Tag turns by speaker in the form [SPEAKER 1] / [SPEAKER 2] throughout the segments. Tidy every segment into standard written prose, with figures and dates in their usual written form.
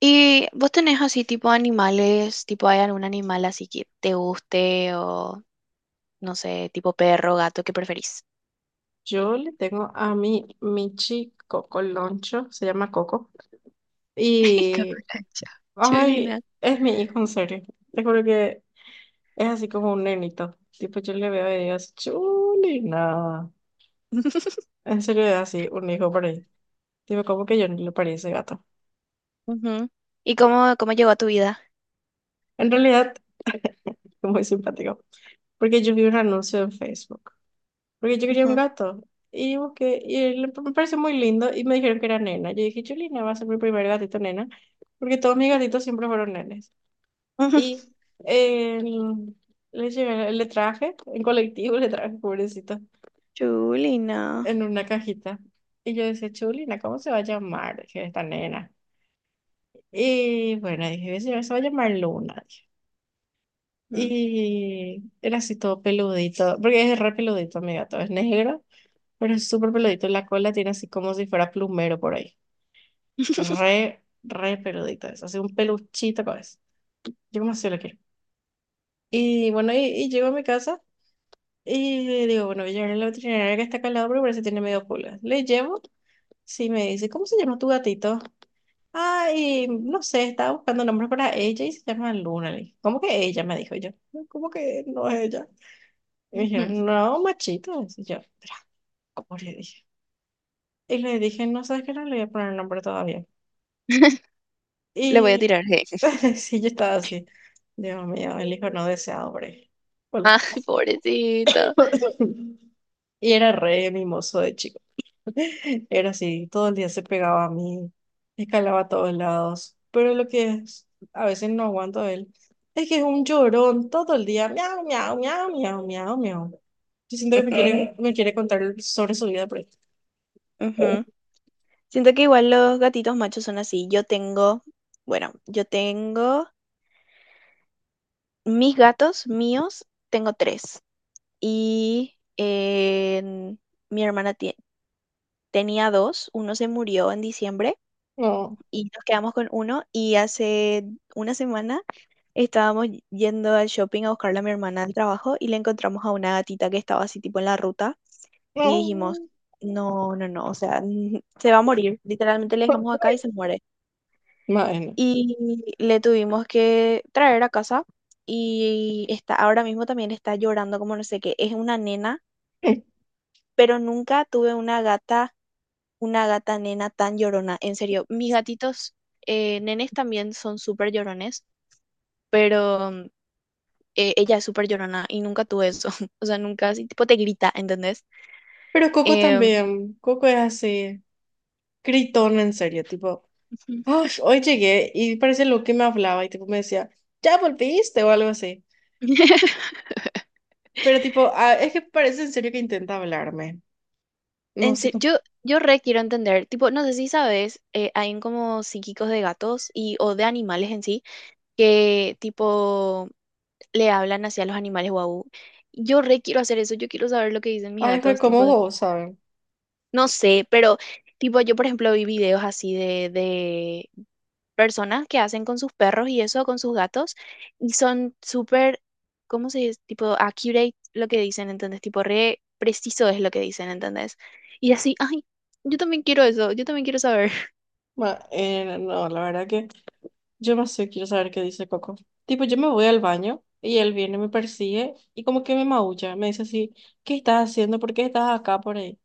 [SPEAKER 1] ¿Y vos tenés así tipo animales, tipo hay algún animal así que te guste o no sé, tipo perro, gato, ¿qué preferís?
[SPEAKER 2] Yo le tengo a mi Michi Coco Loncho, se llama Coco, y
[SPEAKER 1] Cucaracha. Chulina.
[SPEAKER 2] ay, es mi hijo en serio. Te juro que es así como un nenito. Tipo, yo le veo y digo, chulina. En serio es así, un hijo por ahí. Tipo, como que yo no le parí ese gato.
[SPEAKER 1] Ujú. ¿Y cómo llegó a tu vida?
[SPEAKER 2] En realidad, es muy simpático. Porque yo vi un anuncio en Facebook. Porque yo quería un
[SPEAKER 1] Ujú.
[SPEAKER 2] gato. Y busqué, y me pareció muy lindo. Y me dijeron que era nena. Yo dije, chulina, va a ser mi primer gatito nena. Porque todos mis gatitos siempre fueron nenes. Y eh, le llevé, le traje, en colectivo le traje, pobrecito,
[SPEAKER 1] Chulina.
[SPEAKER 2] en una cajita. Y yo decía, chulina, ¿cómo se va a llamar? Dije, esta nena. Y bueno, dije, se va a llamar Luna, dije.
[SPEAKER 1] Mm.
[SPEAKER 2] Y era así todo peludito, porque es re peludito, mi gato, es negro, pero es súper peludito. La cola tiene así como si fuera plumero por ahí. Re, re peludito eso, así un peluchito con eso. Yo como así lo quiero. Y bueno, y llego a mi casa. Y le digo, bueno, voy a llevarle a la veterinaria que está acá al lado porque parece que tiene medio pulga. Le llevo, sí, me dice, ¿cómo se llama tu gatito? Ay, no sé, estaba buscando nombres para ella y se llama Luna. Le dije, ¿cómo que ella? Me dijo yo. No, ¿cómo que no es ella? Y me
[SPEAKER 1] Ujú.
[SPEAKER 2] dijeron, no, machito. Y yo, "Pero, ¿cómo le dije? Y le dije, no, ¿sabes qué? No le voy a poner nombre todavía".
[SPEAKER 1] Le voy a
[SPEAKER 2] Y
[SPEAKER 1] tirar hate.
[SPEAKER 2] sí, yo estaba así. Dios mío, el hijo no deseado, hombre. Hola.
[SPEAKER 1] Ah, pobrecito.
[SPEAKER 2] Y era re mimoso de chico. Era así, todo el día se pegaba a mí, escalaba a todos lados. Pero lo que es, a veces no aguanto a él, es que es un llorón todo el día, miau, miau, miau, miau, miau, miau. Yo siento que me quiere contar sobre su vida, pero
[SPEAKER 1] Ujú. Siento que igual los gatitos machos son así. Yo tengo mis gatos míos, tengo 3. y en- mi hermana tie- tenía dos, uno se murió en diciembre
[SPEAKER 2] no,
[SPEAKER 1] y nos quedamos con uno y hace una semana estábamos yendo al shopping a buscarle a mi hermana al trabajo y le encontramos a una gatita que estaba así tipo en la ruta y dijimos,
[SPEAKER 2] no.
[SPEAKER 1] no, no, no, o sea, se va a morir, literalmente le dejamos acá y se muere.
[SPEAKER 2] Bueno.
[SPEAKER 1] Y le tuvimos que traer a casa y está, ahora mismo también está llorando como no sé qué, es una nena pero nunca tuve una gata nena tan llorona. En serio, mis gatitos nenes también son súper llorones, pero ella es súper llorona y nunca tuve eso. O sea, nunca así, tipo te grita, ¿entendés?
[SPEAKER 2] Pero Coco
[SPEAKER 1] Em,
[SPEAKER 2] también, Coco es así, gritón en serio, tipo,
[SPEAKER 1] Ujú.
[SPEAKER 2] "Ay, hoy llegué y parece lo que me hablaba y tipo me decía, ya volviste o algo así". Pero tipo, ah, es que parece en serio que intenta hablarme. No
[SPEAKER 1] en
[SPEAKER 2] sé
[SPEAKER 1] se-
[SPEAKER 2] cómo.
[SPEAKER 1] yo, yo re quiero entender, tipo, no sé si sabes, hay como psíquicos de gatos y o de animales en sí que tipo le hablan hacia los animales, guau. Yo re quiero hacer eso, yo quiero saber lo que dicen mis
[SPEAKER 2] Ay, fue
[SPEAKER 1] gatos, tipo,
[SPEAKER 2] como vos, ¿saben?
[SPEAKER 1] no sé, pero tipo yo por ejemplo vi videos así de personas que hacen con sus perros y eso, con sus gatos, y son súper, ¿cómo se dice? Tipo accurate lo que dicen, ¿entendés? Tipo re preciso es lo que dicen, ¿entendés? Y así, ay, yo también quiero eso, yo también quiero saber.
[SPEAKER 2] No, la verdad que yo más sé, quiero saber qué dice Coco. Tipo, yo me voy al baño y él viene, me persigue y como que me maulla. Me dice así, ¿qué estás haciendo? ¿Por qué estás acá por ahí?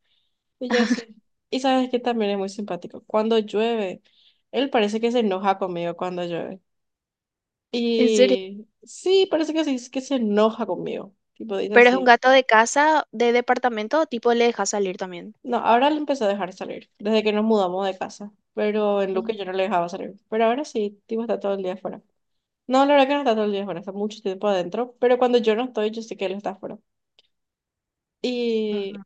[SPEAKER 2] Y yo así. Y sabes que también es muy simpático. Cuando llueve, él parece que se enoja conmigo cuando llueve.
[SPEAKER 1] En serio.
[SPEAKER 2] Y sí, parece que sí, es que se enoja conmigo. Tipo, dice
[SPEAKER 1] Pero es un
[SPEAKER 2] así.
[SPEAKER 1] gato de casa, de departamento, tipo le deja salir también.
[SPEAKER 2] No, ahora le empezó a dejar salir, desde que nos mudamos de casa. Pero en Luque
[SPEAKER 1] Ujú,
[SPEAKER 2] yo no le dejaba salir. Pero ahora sí, tipo está todo el día afuera. No, la verdad que no está todo el día afuera, está mucho tiempo adentro. Pero cuando yo no estoy, yo sé que él está afuera.
[SPEAKER 1] ujú.
[SPEAKER 2] Y,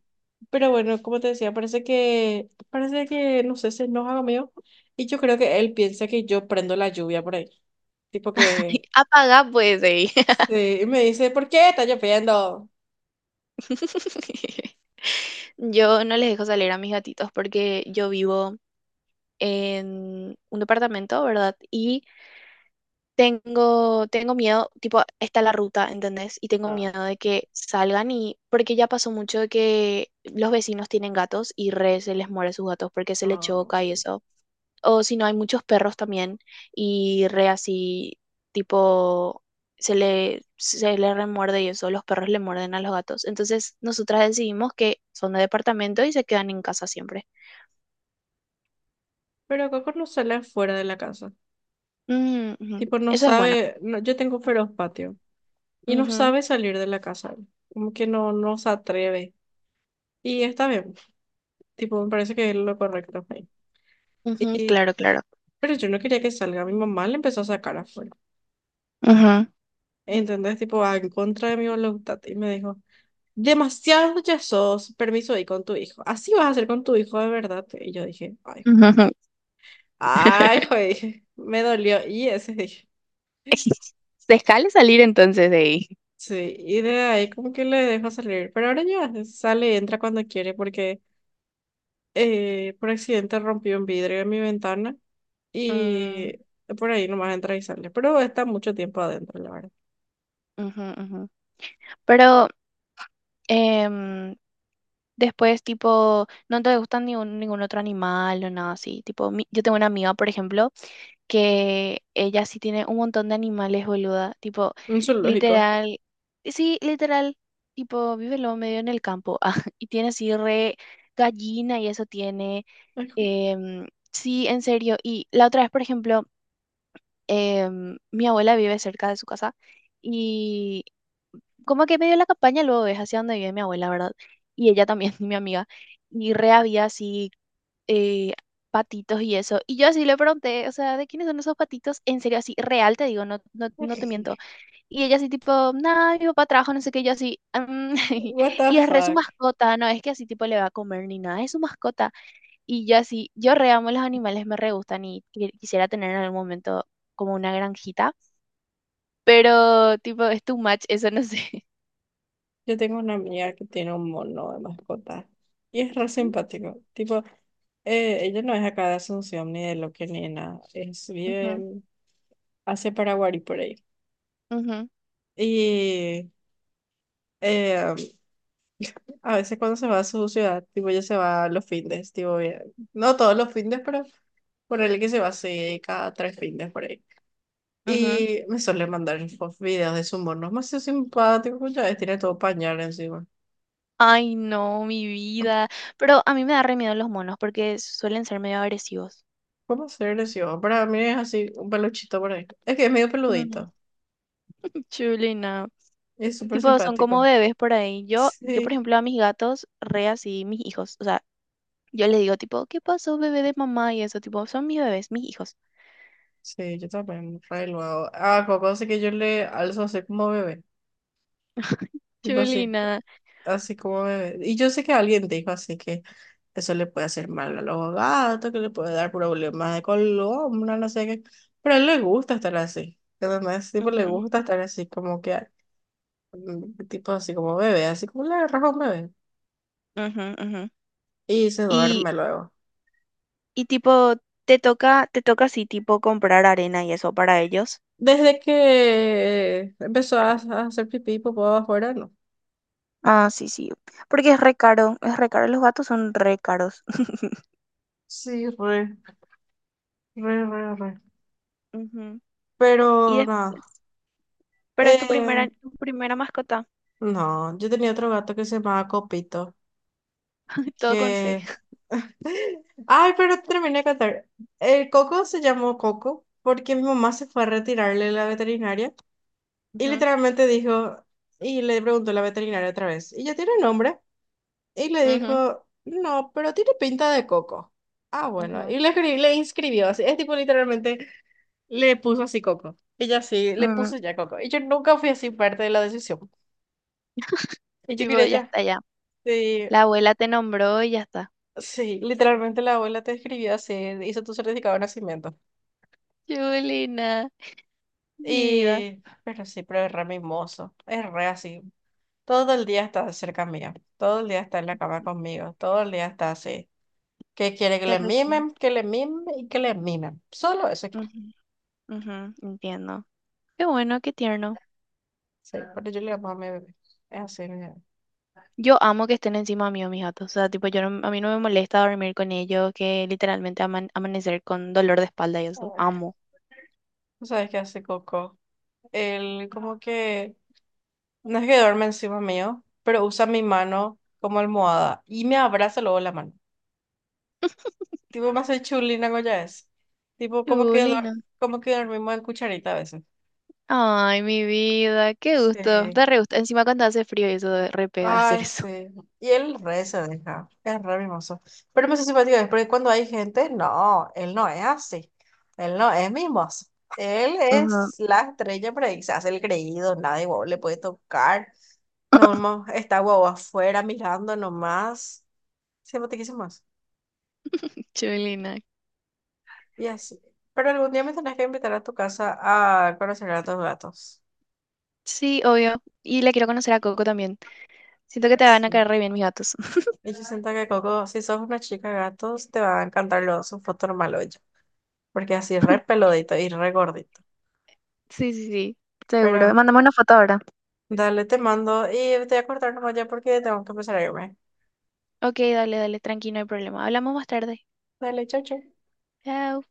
[SPEAKER 2] pero bueno, como te decía, parece que, no sé, se enoja conmigo. Y yo creo que él piensa que yo prendo la lluvia por ahí. Tipo que,
[SPEAKER 1] Apaga pues, ey.
[SPEAKER 2] sí, y me dice, ¿por qué está lloviendo?
[SPEAKER 1] Yo no les dejo salir a mis gatitos porque yo vivo en un departamento, ¿verdad? Y tengo miedo, tipo, está la ruta, ¿entendés? Y tengo
[SPEAKER 2] Ah,
[SPEAKER 1] miedo de que salgan y, porque ya pasó mucho de que los vecinos tienen gatos y re se les muere sus gatos porque se le
[SPEAKER 2] ah.
[SPEAKER 1] choca y eso. O si no, hay muchos perros también y re así, tipo, se le remuerde y eso, los perros le muerden a los gatos. Entonces, nosotras decidimos que son de departamento y se quedan en casa siempre.
[SPEAKER 2] Pero Coco no sale afuera de la casa.
[SPEAKER 1] Mm, ujú.
[SPEAKER 2] Tipo, no
[SPEAKER 1] Eso es bueno.
[SPEAKER 2] sabe, no, yo tengo un feroz patio, y no sabe salir de la casa, como que no, no se atreve. Y está bien, tipo, me parece que es lo correcto ahí.
[SPEAKER 1] Ujú,
[SPEAKER 2] Y,
[SPEAKER 1] claro, claro.
[SPEAKER 2] pero yo no quería que salga, mi mamá le empezó a sacar afuera.
[SPEAKER 1] Ujú,
[SPEAKER 2] ¿Entendés? Tipo, ah, en contra de mi voluntad. Y me dijo, demasiado ya sos, permiso ahí con tu hijo. Así vas a hacer con tu hijo de verdad. Y yo dije, "Ay, jue-
[SPEAKER 1] ujú, ujú.
[SPEAKER 2] ay, jue", dije, me dolió. Y ese dije.
[SPEAKER 1] Se jale salir entonces de ahí.
[SPEAKER 2] Sí, y de ahí como que le dejo salir, pero ahora ya sale, entra cuando quiere porque por accidente rompí un vidrio de mi ventana
[SPEAKER 1] Mm,
[SPEAKER 2] y por ahí nomás entra y sale. Pero está mucho tiempo adentro, la verdad.
[SPEAKER 1] ujú, ujú. Pero em, después, tipo, no te gustan ningún otro animal o nada así. Tipo, yo tengo una amiga, por ejemplo, que ella sí tiene un montón de animales, boluda. Tipo,
[SPEAKER 2] Un zoológico.
[SPEAKER 1] literal, sí, literal, tipo, vive lo medio en el campo. Ah, y tiene así re gallina y eso tiene.
[SPEAKER 2] Ay,
[SPEAKER 1] em, sí, en serio. Y la otra vez, por ejemplo, mi abuela vive cerca de su casa y como que medio la campaña luego es hacia donde vive mi abuela, ¿verdad? Y ella también, mi amiga. Y re había así eh, patitos y eso. Y yo así le pregunté, o sea, ¿de quiénes son esos patitos? En serio, así, real, te digo, no, no, no te miento. Y ella así tipo, nada, mi papá trabaja, no sé qué, y yo así, "Mm".
[SPEAKER 2] what the
[SPEAKER 1] Y es re su
[SPEAKER 2] fuck.
[SPEAKER 1] mascota, no es que así tipo le va a comer ni nada, es su mascota. Y yo así, yo re amo los animales, me re gustan y quisiera tener en algún momento como una granjita, pero tipo, es too much, eso no sé.
[SPEAKER 2] Yo tengo una amiga que tiene un mono de mascota y es re simpático. Tipo, ella no es acá de Asunción ni de Loque ni de nada. Es, vive en- hacia Paraguay por ahí.
[SPEAKER 1] Ujú,
[SPEAKER 2] Y eh, a veces cuando se va a su ciudad, tipo ella se va los fines, tipo bien. No todos los fines, pero ponerle que se va así cada tres fines por ahí.
[SPEAKER 1] ujú, ujú.
[SPEAKER 2] Y me suele mandar videos de su mono. Es más simpático, pues, ya ves, tiene todo pañal encima.
[SPEAKER 1] Ay, no, mi vida. Pero a mí me da re miedo los monos porque suelen ser medio agresivos.
[SPEAKER 2] ¿Cómo ser lesión? Para mí es así, un peluchito por ahí. Es que es medio
[SPEAKER 1] Mm,
[SPEAKER 2] peludito
[SPEAKER 1] chulina.
[SPEAKER 2] y es súper
[SPEAKER 1] Tipo, son como
[SPEAKER 2] simpático.
[SPEAKER 1] bebés por ahí. Yo, por
[SPEAKER 2] Sí,
[SPEAKER 1] ejemplo, a mis gatos, re así, mis hijos. O sea, yo les digo, tipo, ¿qué pasó, bebé de mamá? Y eso, tipo, son mis bebés, mis hijos.
[SPEAKER 2] sí, yo también, re luego. Ah, Coco, así que yo le alzo así como bebé. Tipo así,
[SPEAKER 1] Chulina.
[SPEAKER 2] así como bebé. Y yo sé que alguien dijo así que eso le puede hacer mal a los gatos, que le puede dar problemas de columna, no sé qué. Pero a él le gusta estar así. Además, tipo, le
[SPEAKER 1] Ujú,
[SPEAKER 2] gusta estar así como que, mm, tipo así como bebé, así como le agarras a un bebé.
[SPEAKER 1] ujú, ujú.
[SPEAKER 2] Y se
[SPEAKER 1] Y,
[SPEAKER 2] duerme luego.
[SPEAKER 1] y tipo, te toca así, tipo, comprar arena y eso para ellos.
[SPEAKER 2] Desde que empezó a hacer pipí y popó afuera, no.
[SPEAKER 1] Ah, sí, sí. Porque es re caro, es re caro. Los gatos son re caros.
[SPEAKER 2] Sí, re, re, re, re.
[SPEAKER 1] Ujú. Y
[SPEAKER 2] Pero nada.
[SPEAKER 1] después. Pero es tu
[SPEAKER 2] Eh,
[SPEAKER 1] tu primera mascota.
[SPEAKER 2] no, yo tenía otro gato que se llamaba Copito,
[SPEAKER 1] Todo con C.
[SPEAKER 2] que... Ay, pero terminé de contar. El Coco se llamó Coco porque mi mamá se fue a retirarle de la veterinaria y
[SPEAKER 1] Ujú,
[SPEAKER 2] literalmente dijo, y le preguntó la veterinaria otra vez, ¿y ya tiene nombre? Y le
[SPEAKER 1] ujú,
[SPEAKER 2] dijo, no, pero tiene pinta de Coco. Ah, bueno,
[SPEAKER 1] ujú.
[SPEAKER 2] y le, le inscribió así, es tipo literalmente le puso así Coco. Ella sí, le
[SPEAKER 1] Mm,
[SPEAKER 2] puso ya Coco. Y yo nunca fui así parte de la decisión. Y yo
[SPEAKER 1] tipo,
[SPEAKER 2] quería
[SPEAKER 1] ya
[SPEAKER 2] ya.
[SPEAKER 1] está, ya.
[SPEAKER 2] Sí,
[SPEAKER 1] La abuela te nombró y ya está.
[SPEAKER 2] sí, literalmente la abuela te escribió así, hizo tu certificado de nacimiento.
[SPEAKER 1] Julina, mi vida,
[SPEAKER 2] Y, pero sí, pero es re mimoso, es re así. Todo el día está cerca mía, todo el día está en la cama conmigo, todo el día está así. Que quiere
[SPEAKER 1] te requiero.
[SPEAKER 2] que le mimen y que le mimen. Solo eso quiere.
[SPEAKER 1] Ujú, ujú, entiendo. Qué bueno, qué tierno.
[SPEAKER 2] Sí, pero yo le amo a mi bebé. Es así, mi bebé.
[SPEAKER 1] Yo amo que estén encima mío mis gatos. O sea, tipo, yo no- a mí no me molesta dormir con ellos, que literalmente amanecer con dolor de espalda y eso. Amo.
[SPEAKER 2] ¿Tú sabes qué hace Coco? Él como que, no es que duerme encima mío, pero usa mi mano como almohada y me abraza luego la mano. Tipo, me hace chulina, ¿no? Ya es. Tipo, como que,
[SPEAKER 1] Julina.
[SPEAKER 2] como que dormimos en cucharita a veces.
[SPEAKER 1] Ay, mi vida, qué gusto.
[SPEAKER 2] Sí.
[SPEAKER 1] Da re gusto. Encima cuando hace frío y eso da re pega hacer
[SPEAKER 2] Ay,
[SPEAKER 1] eso.
[SPEAKER 2] sí. Y él re se deja. Es re mimoso. Pero me hace simpático es porque cuando hay gente, no, él no es así. Él no es mimoso. Él
[SPEAKER 1] Ajá.
[SPEAKER 2] es la estrella, pero ahí se hace el creído, nadie guau, le puede tocar. No, no, está guau afuera mirando nomás. Simpaticísimo más.
[SPEAKER 1] Chulina.
[SPEAKER 2] Y así. Pero algún día me tenés que invitar a tu casa a conocer a tus gatos.
[SPEAKER 1] Sí, obvio. Y le quiero conocer a Coco también. Siento que te van a
[SPEAKER 2] Sí.
[SPEAKER 1] caer re bien mis gatos.
[SPEAKER 2] Y yo siento que Coco, si sos una chica de gatos, te va a encantar los, su foto normal, porque así es re peludito y re gordito.
[SPEAKER 1] Sí, sí, sí, seguro.
[SPEAKER 2] Pero
[SPEAKER 1] Mándame una foto ahora.
[SPEAKER 2] dale, te mando y te voy a cortar nomás ya porque tengo que empezar a irme.
[SPEAKER 1] Ok, dale, dale, tranqui, no hay problema. Hablamos más tarde.
[SPEAKER 2] Dale, chau, chau.
[SPEAKER 1] Chao.